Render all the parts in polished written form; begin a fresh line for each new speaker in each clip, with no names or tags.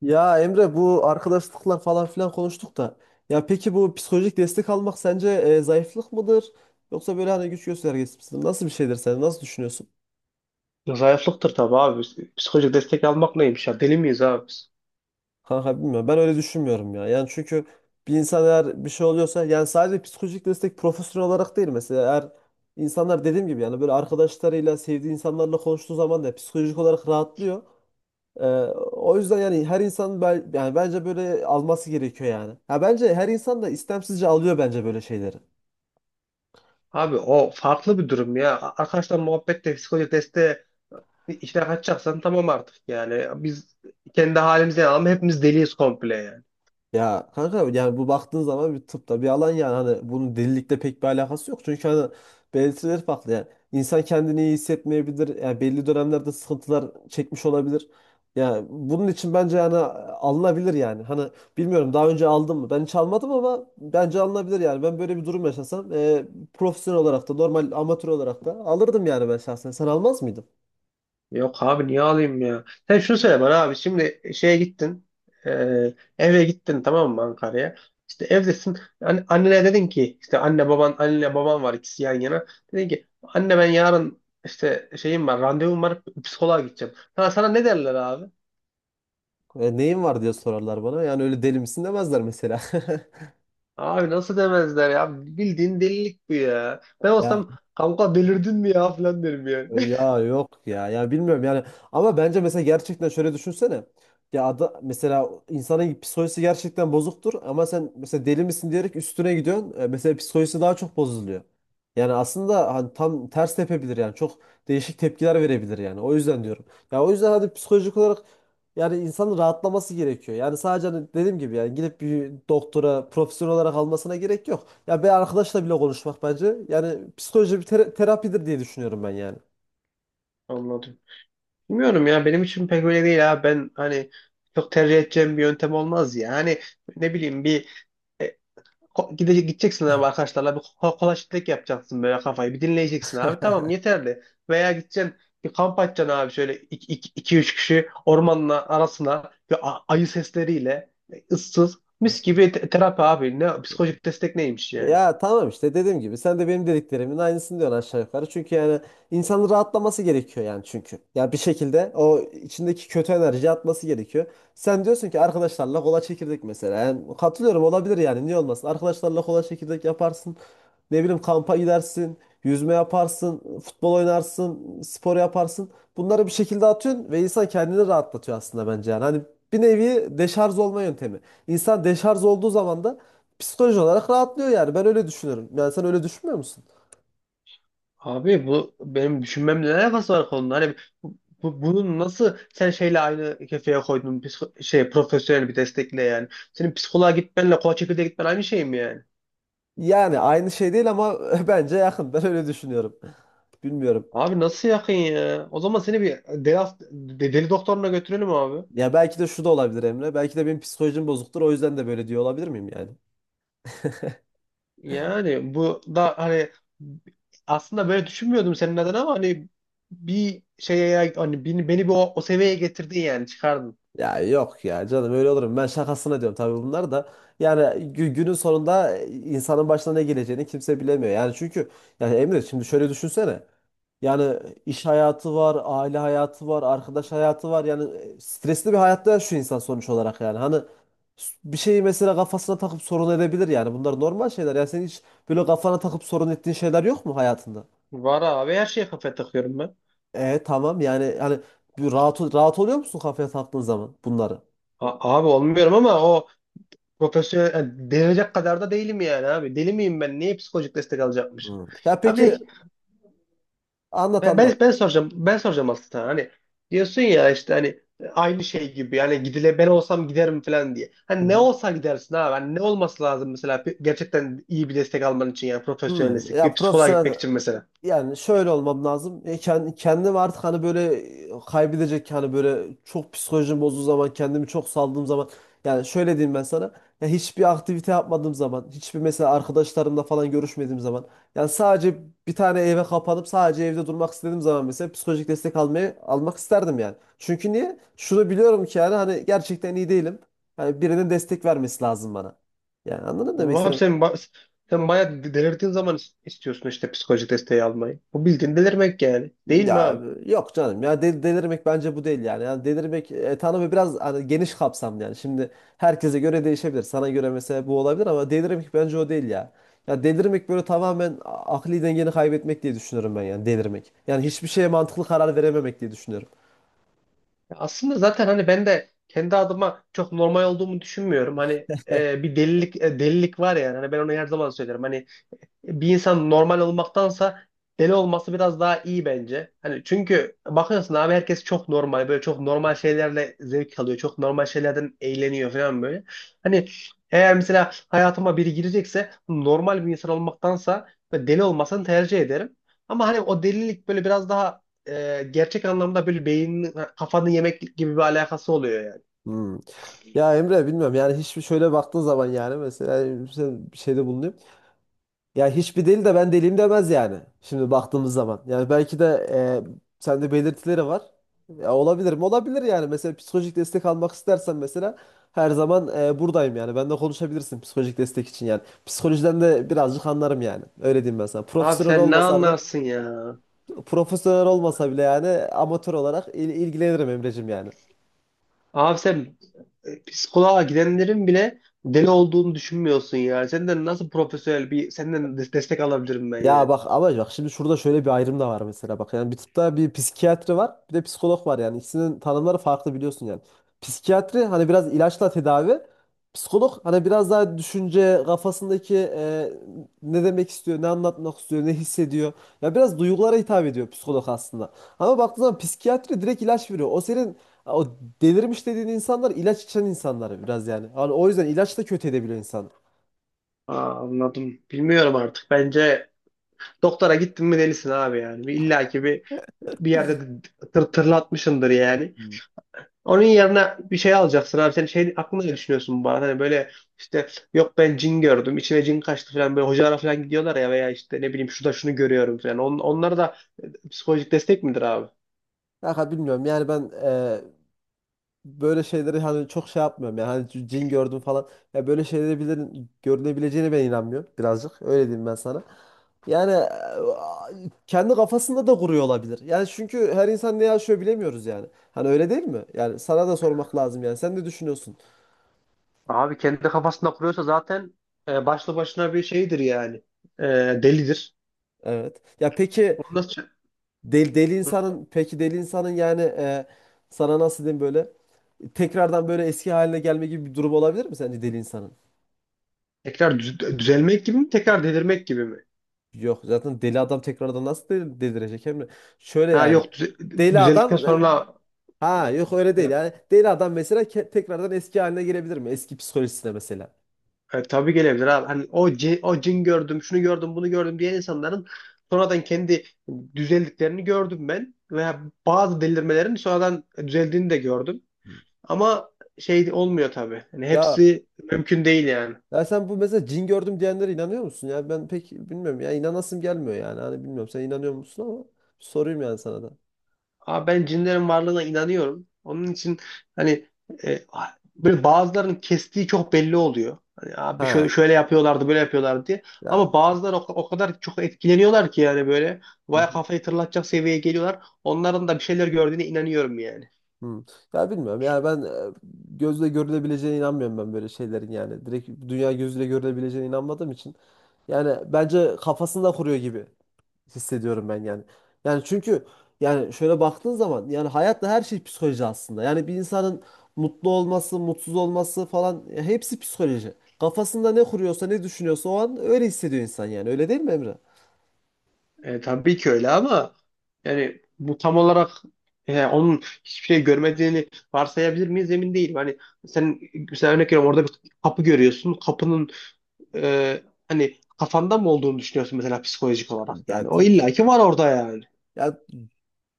Ya Emre, bu arkadaşlıklar falan filan konuştuk da ya peki bu psikolojik destek almak sence zayıflık mıdır yoksa böyle hani güç göstergesi misin? Nasıl bir şeydir, sen nasıl düşünüyorsun?
Zayıflıktır tabii abi. Psikolojik destek almak neymiş ya? Deli miyiz abi biz?
Kanka bilmiyorum, ben öyle düşünmüyorum ya. Yani çünkü bir insan eğer bir şey oluyorsa yani sadece psikolojik destek profesyonel olarak değil, mesela eğer insanlar dediğim gibi yani böyle arkadaşlarıyla sevdiği insanlarla konuştuğu zaman da psikolojik olarak rahatlıyor. Ee, O yüzden yani her insan yani bence böyle alması gerekiyor yani. Ha bence her insan da istemsizce alıyor bence böyle şeyleri.
Abi o farklı bir durum ya. Arkadaşlar muhabbette psikolojik desteğe içine kaçacaksan tamam artık yani. Biz kendi halimize ama hepimiz deliyiz komple yani.
Ya kanka, yani bu baktığın zaman bir tıpta bir alan yani hani bunun delilikle pek bir alakası yok. Çünkü hani belirtileri farklı yani. İnsan kendini iyi hissetmeyebilir. Yani belli dönemlerde sıkıntılar çekmiş olabilir. Yani bunun için bence yani alınabilir yani. Hani bilmiyorum, daha önce aldım mı? Ben hiç almadım ama bence alınabilir yani. Ben böyle bir durum yaşasam profesyonel olarak da normal amatör olarak da alırdım yani ben şahsen. Sen almaz mıydın?
Yok abi niye alayım ya? Sen şunu söyle bana abi. Şimdi şeye gittin. e, Eve gittin tamam mı Ankara'ya? İşte evdesin. Annene dedin ki işte anne baban anne baban var ikisi yan yana. Dedin ki anne ben yarın işte şeyim var randevum var psikoloğa gideceğim. Ha, sana ne derler abi?
E, neyin var diye sorarlar bana. Yani öyle deli misin demezler mesela.
Abi nasıl demezler ya? Bildiğin delilik bu ya. Ben
Ya
olsam kanka delirdin mi ya falan derim yani.
Ya yok ya. Ya bilmiyorum yani. Ama bence mesela gerçekten şöyle düşünsene. Ya mesela insanın psikolojisi gerçekten bozuktur ama sen mesela deli misin diyerek üstüne gidiyorsun. E, mesela psikolojisi daha çok bozuluyor. Yani aslında hani tam ters tepebilir yani. Çok değişik tepkiler verebilir yani. O yüzden diyorum. Ya o yüzden hadi psikolojik olarak yani insanın rahatlaması gerekiyor. Yani sadece hani dediğim gibi yani gidip bir doktora profesyonel olarak almasına gerek yok. Ya bir arkadaşla bile konuşmak bence yani psikoloji bir terapidir diye düşünüyorum ben yani.
Anladım. Bilmiyorum ya benim için pek öyle değil abi. Ben hani çok tercih edeceğim bir yöntem olmaz ya. Hani ne bileyim bir e, gideceksin abi arkadaşlarla bir kolaşlık yapacaksın böyle kafayı bir dinleyeceksin abi tamam yeterli. Veya gideceksin bir kamp açacaksın abi şöyle iki üç kişi ormanın arasına ve ayı sesleriyle ıssız mis gibi terapi abi ne psikolojik destek neymiş yani.
Ya tamam, işte dediğim gibi sen de benim dediklerimin aynısını diyorsun aşağı yukarı. Çünkü yani insanın rahatlaması gerekiyor yani çünkü. Ya bir şekilde o içindeki kötü enerji atması gerekiyor. Sen diyorsun ki arkadaşlarla kola çekirdek mesela. Yani katılıyorum, olabilir yani, niye olmasın. Arkadaşlarla kola çekirdek yaparsın. Ne bileyim kampa gidersin. Yüzme yaparsın. Futbol oynarsın. Spor yaparsın. Bunları bir şekilde atıyorsun ve insan kendini rahatlatıyor aslında bence yani. Hani bir nevi deşarj olma yöntemi. İnsan deşarj olduğu zaman da psikolojik olarak rahatlıyor yani. Ben öyle düşünüyorum. Yani sen öyle düşünmüyor musun?
Abi bu benim düşünmemle ne alakası var konunun? Hani bu, bunu nasıl sen şeyle aynı kefeye koydun şey profesyonel bir destekle yani. Senin psikoloğa gitmenle koç çekirdeğe gitmen aynı şey mi yani?
Yani aynı şey değil ama bence yakın. Ben öyle düşünüyorum. Bilmiyorum.
Abi nasıl yakın ya? O zaman seni bir deli, deli doktoruna götürelim abi.
Ya belki de şu da olabilir Emre. Belki de benim psikolojim bozuktur. O yüzden de böyle diyor olabilir miyim yani?
Yani bu da hani aslında böyle düşünmüyordum senin adına ama hani bir şeye hani beni bir o seviyeye getirdin yani çıkardın.
Ya yok ya canım, öyle olurum. Ben şakasına diyorum tabii bunlar da. Yani günün sonunda insanın başına ne geleceğini kimse bilemiyor. Yani çünkü yani Emre şimdi şöyle düşünsene. Yani iş hayatı var, aile hayatı var, arkadaş hayatı var. Yani stresli bir hayatta şu insan sonuç olarak yani. Hani bir şeyi mesela kafasına takıp sorun edebilir yani. Bunlar normal şeyler. Yani senin hiç böyle kafana takıp sorun ettiğin şeyler yok mu hayatında?
Var abi her şeye kafa takıyorum ben.
E tamam yani hani bir rahat oluyor musun kafaya taktığın zaman bunları?
Abi olmuyorum ama o profesyonel yani delirecek kadar da değilim yani abi. Deli miyim ben? Niye psikolojik destek alacakmışım?
Hmm. Ya peki.
Abi
Anlat
ben,
anlat.
ben ben soracağım. Ben soracağım aslında. Hani diyorsun ya işte hani aynı şey gibi yani gidile ben olsam giderim falan diye.
Hı
Hani ne
hı.
olsa gidersin abi. Hani ne olması lazım mesela gerçekten iyi bir destek alman için yani profesyonel
Hmm,
destek. Bir
ya
psikoloğa
profesyonel
gitmek için mesela.
yani şöyle olmam lazım. E, kendim artık hani böyle kaybedecek hani böyle çok psikolojim bozduğu zaman, kendimi çok saldığım zaman yani şöyle diyeyim ben sana. Ya hiçbir aktivite yapmadığım zaman, hiçbir mesela arkadaşlarımla falan görüşmediğim zaman yani sadece bir tane eve kapanıp sadece evde durmak istediğim zaman mesela psikolojik destek almak isterdim yani. Çünkü niye? Şunu biliyorum ki yani hani gerçekten iyi değilim. Hani birinin destek vermesi lazım bana. Yani anladın mı demek.
Ama abi sen bayağı delirdiğin zaman istiyorsun işte psikolojik desteği almayı. Bu bildiğin delirmek yani. Değil mi
Ya
abi?
yok canım ya delirmek bence bu değil yani. Yani delirmek tanımı biraz hani geniş kapsamlı yani. Şimdi herkese göre değişebilir. Sana göre mesela bu olabilir ama delirmek bence o değil ya. Ya delirmek böyle tamamen akli dengeni kaybetmek diye düşünüyorum ben yani delirmek. Yani hiçbir şeye mantıklı karar verememek diye düşünüyorum.
Ya aslında zaten hani ben de kendi adıma çok normal olduğumu düşünmüyorum. Hani bir delilik delilik var yani. Hani ben onu her zaman söylerim. Hani bir insan normal olmaktansa deli olması biraz daha iyi bence. Hani çünkü bakıyorsun abi herkes çok normal böyle çok normal şeylerle zevk alıyor. Çok normal şeylerden eğleniyor falan böyle. Hani eğer mesela hayatıma biri girecekse normal bir insan olmaktansa böyle deli olmasını tercih ederim. Ama hani o delilik böyle biraz daha gerçek anlamda böyle beynin kafanı yemek gibi bir alakası oluyor yani.
Hmm. Ya Emre bilmiyorum yani hiçbir şöyle baktığın zaman yani mesela sen bir şeyde bulunuyor. Ya hiçbir deli de ben deliyim demez yani. Şimdi baktığımız zaman. Yani belki de sende belirtileri var. Ya olabilir mi? Olabilir yani. Mesela psikolojik destek almak istersen mesela her zaman buradayım yani. Bende konuşabilirsin psikolojik destek için yani. Psikolojiden de birazcık anlarım yani. Öyle diyeyim ben sana.
Abi
Profesyonel
sen ne
olmasa da
anlarsın ya?
profesyonel olmasa bile yani amatör olarak ilgilenirim Emre'cim yani.
Abi sen psikoloğa gidenlerin bile deli olduğunu düşünmüyorsun ya. Senden nasıl profesyonel bir senden destek alabilirim ben
Ya
yani.
bak, ama bak şimdi şurada şöyle bir ayrım da var mesela, bak yani bir tıpta bir psikiyatri var, bir de psikolog var yani ikisinin tanımları farklı biliyorsun yani. Psikiyatri hani biraz ilaçla tedavi, psikolog hani biraz daha düşünce kafasındaki ne demek istiyor, ne anlatmak istiyor, ne hissediyor, ya biraz duygulara hitap ediyor psikolog aslında. Ama baktığın zaman psikiyatri direkt ilaç veriyor, o senin o delirmiş dediğin insanlar ilaç içen insanlar biraz yani. Hani o yüzden ilaç da kötü edebiliyor insan.
Aa, anladım. Bilmiyorum artık. Bence doktora gittin mi delisin abi yani. Bir, illa ki bir, bir yerde tırlatmışındır yani.
Hmm.
Onun yerine bir şey alacaksın abi. Sen şey aklında ne düşünüyorsun bu arada? Hani böyle işte yok ben cin gördüm. İçime cin kaçtı falan. Böyle hocalara falan gidiyorlar ya veya işte ne bileyim şurada şunu görüyorum falan. Onlar da psikolojik destek midir abi?
Kanka bilmiyorum yani ben böyle şeyleri hani çok şey yapmıyorum yani hani cin gördüm falan, ya böyle şeyleri bilirin, görülebileceğine ben inanmıyorum birazcık, öyle diyeyim ben sana. Yani kendi kafasında da kuruyor olabilir. Yani çünkü her insan ne yaşıyor bilemiyoruz yani. Hani öyle değil mi? Yani sana da sormak lazım yani. Sen ne düşünüyorsun?
Abi kendi kafasında kuruyorsa zaten başlı başına bir şeydir yani. E, Delidir.
Evet. Ya peki
Onu nasıl çö-
deli insanın, peki deli insanın yani sana nasıl diyeyim böyle tekrardan böyle eski haline gelme gibi bir durum olabilir mi sence deli insanın?
Tekrar düzelmek gibi mi? Tekrar delirmek gibi mi?
Yok zaten deli adam tekrardan nasıl delirecek Emre? Şöyle
Ha
yani
yok
deli
düzeldikten
adam,
sonra
ha yok öyle değil yani deli adam mesela tekrardan eski haline gelebilir mi? Eski psikolojisine mesela.
tabii gelebilir abi. Hani o cin gördüm, şunu gördüm, bunu gördüm diyen insanların sonradan kendi düzeldiklerini gördüm ben. Veya bazı delirmelerin sonradan düzeldiğini de gördüm. Ama şey olmuyor tabii. Hani
Ya,
hepsi mümkün değil yani.
ya sen bu mesela cin gördüm diyenlere inanıyor musun? Ya ben pek bilmiyorum ya, inanasım gelmiyor yani, hani bilmiyorum sen inanıyor musun ama sorayım yani sana da.
Ama ben cinlerin varlığına inanıyorum. Onun için hani e, böyle bazılarının kestiği çok belli oluyor. Hani abi
Ha
şöyle yapıyorlardı, böyle yapıyorlardı diye.
ya.
Ama bazıları o kadar çok etkileniyorlar ki yani böyle
Hı
baya
hı.
kafayı tırlatacak seviyeye geliyorlar. Onların da bir şeyler gördüğüne inanıyorum yani.
Hı. Ya bilmiyorum yani ben gözle görülebileceğine inanmıyorum ben böyle şeylerin yani. Direkt dünya gözle görülebileceğine inanmadığım için. Yani bence kafasında kuruyor gibi hissediyorum ben yani. Yani çünkü yani şöyle baktığın zaman yani hayatta her şey psikoloji aslında. Yani bir insanın mutlu olması, mutsuz olması falan hepsi psikoloji. Kafasında ne kuruyorsa, ne düşünüyorsa o an öyle hissediyor insan yani. Öyle değil mi Emre?
Tabii ki öyle ama yani bu tam olarak onun hiçbir şey görmediğini varsayabilir miyiz emin değilim. Hani sen mesela örnek veriyorum orada bir kapı görüyorsun. Kapının hani kafanda mı olduğunu düşünüyorsun mesela psikolojik olarak yani. O illaki var orada yani.
Yani,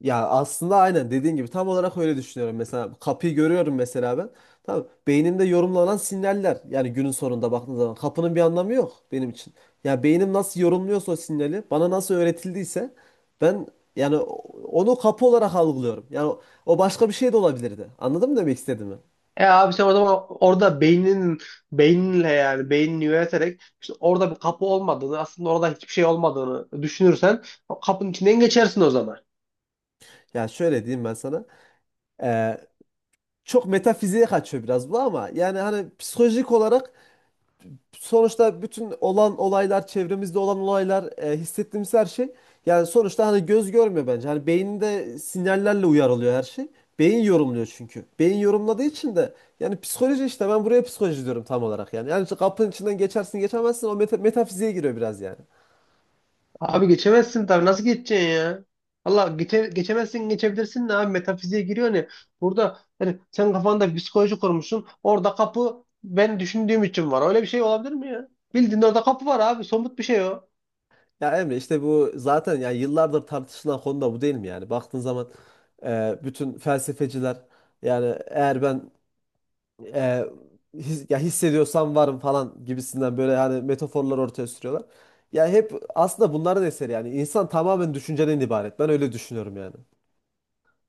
Ya aslında aynen dediğin gibi tam olarak öyle düşünüyorum. Mesela kapıyı görüyorum mesela ben. Tamam, beynimde yorumlanan sinyaller yani günün sonunda baktığın zaman kapının bir anlamı yok benim için. Ya beynim nasıl yorumluyorsa, o sinyali bana nasıl öğretildiyse ben yani onu kapı olarak algılıyorum. Yani o başka bir şey de olabilirdi. Anladın mı demek istediğimi?
E abi sen o zaman orada beyninle yani beynini yöneterek işte orada bir kapı olmadığını aslında orada hiçbir şey olmadığını düşünürsen o kapının içinden geçersin o zaman.
Ya şöyle diyeyim ben sana. Ee, çok metafiziğe kaçıyor biraz bu ama yani hani psikolojik olarak sonuçta bütün olan olaylar, çevremizde olan olaylar, hissettiğimiz her şey yani sonuçta hani göz görmüyor bence. Hani beyinde sinyallerle uyarılıyor her şey. Beyin yorumluyor çünkü. Beyin yorumladığı için de yani psikoloji, işte ben buraya psikoloji diyorum tam olarak yani. Yani işte kapının içinden geçersin geçemezsin, o metafiziğe giriyor biraz yani.
Abi geçemezsin tabii nasıl geçeceksin ya? Geçemezsin geçebilirsin de abi metafiziğe giriyor ne? Burada hani sen kafanda bir psikoloji kurmuşsun orada kapı ben düşündüğüm için var. Öyle bir şey olabilir mi ya? Bildiğin orada kapı var abi somut bir şey o.
Ya Emre işte bu zaten yani yıllardır tartışılan konu da bu değil mi yani? Baktığın zaman bütün felsefeciler yani eğer ben e, ya hissediyorsam varım falan gibisinden böyle hani metaforlar ortaya sürüyorlar. Ya hep aslında bunların eseri yani. İnsan tamamen düşünceden ibaret. Ben öyle düşünüyorum yani.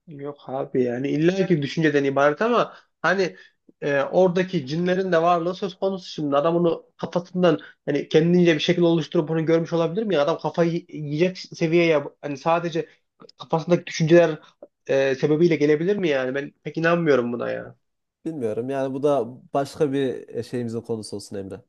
Yok abi yani illaki düşünceden ibaret ama hani oradaki cinlerin de varlığı söz konusu şimdi adam onu kafasından hani kendince bir şekil oluşturup bunu görmüş olabilir mi adam kafayı yiyecek seviyeye hani sadece kafasındaki düşünceler sebebiyle gelebilir mi yani ben pek inanmıyorum buna ya.
Bilmiyorum yani bu da başka bir şeyimizin konusu olsun Emre.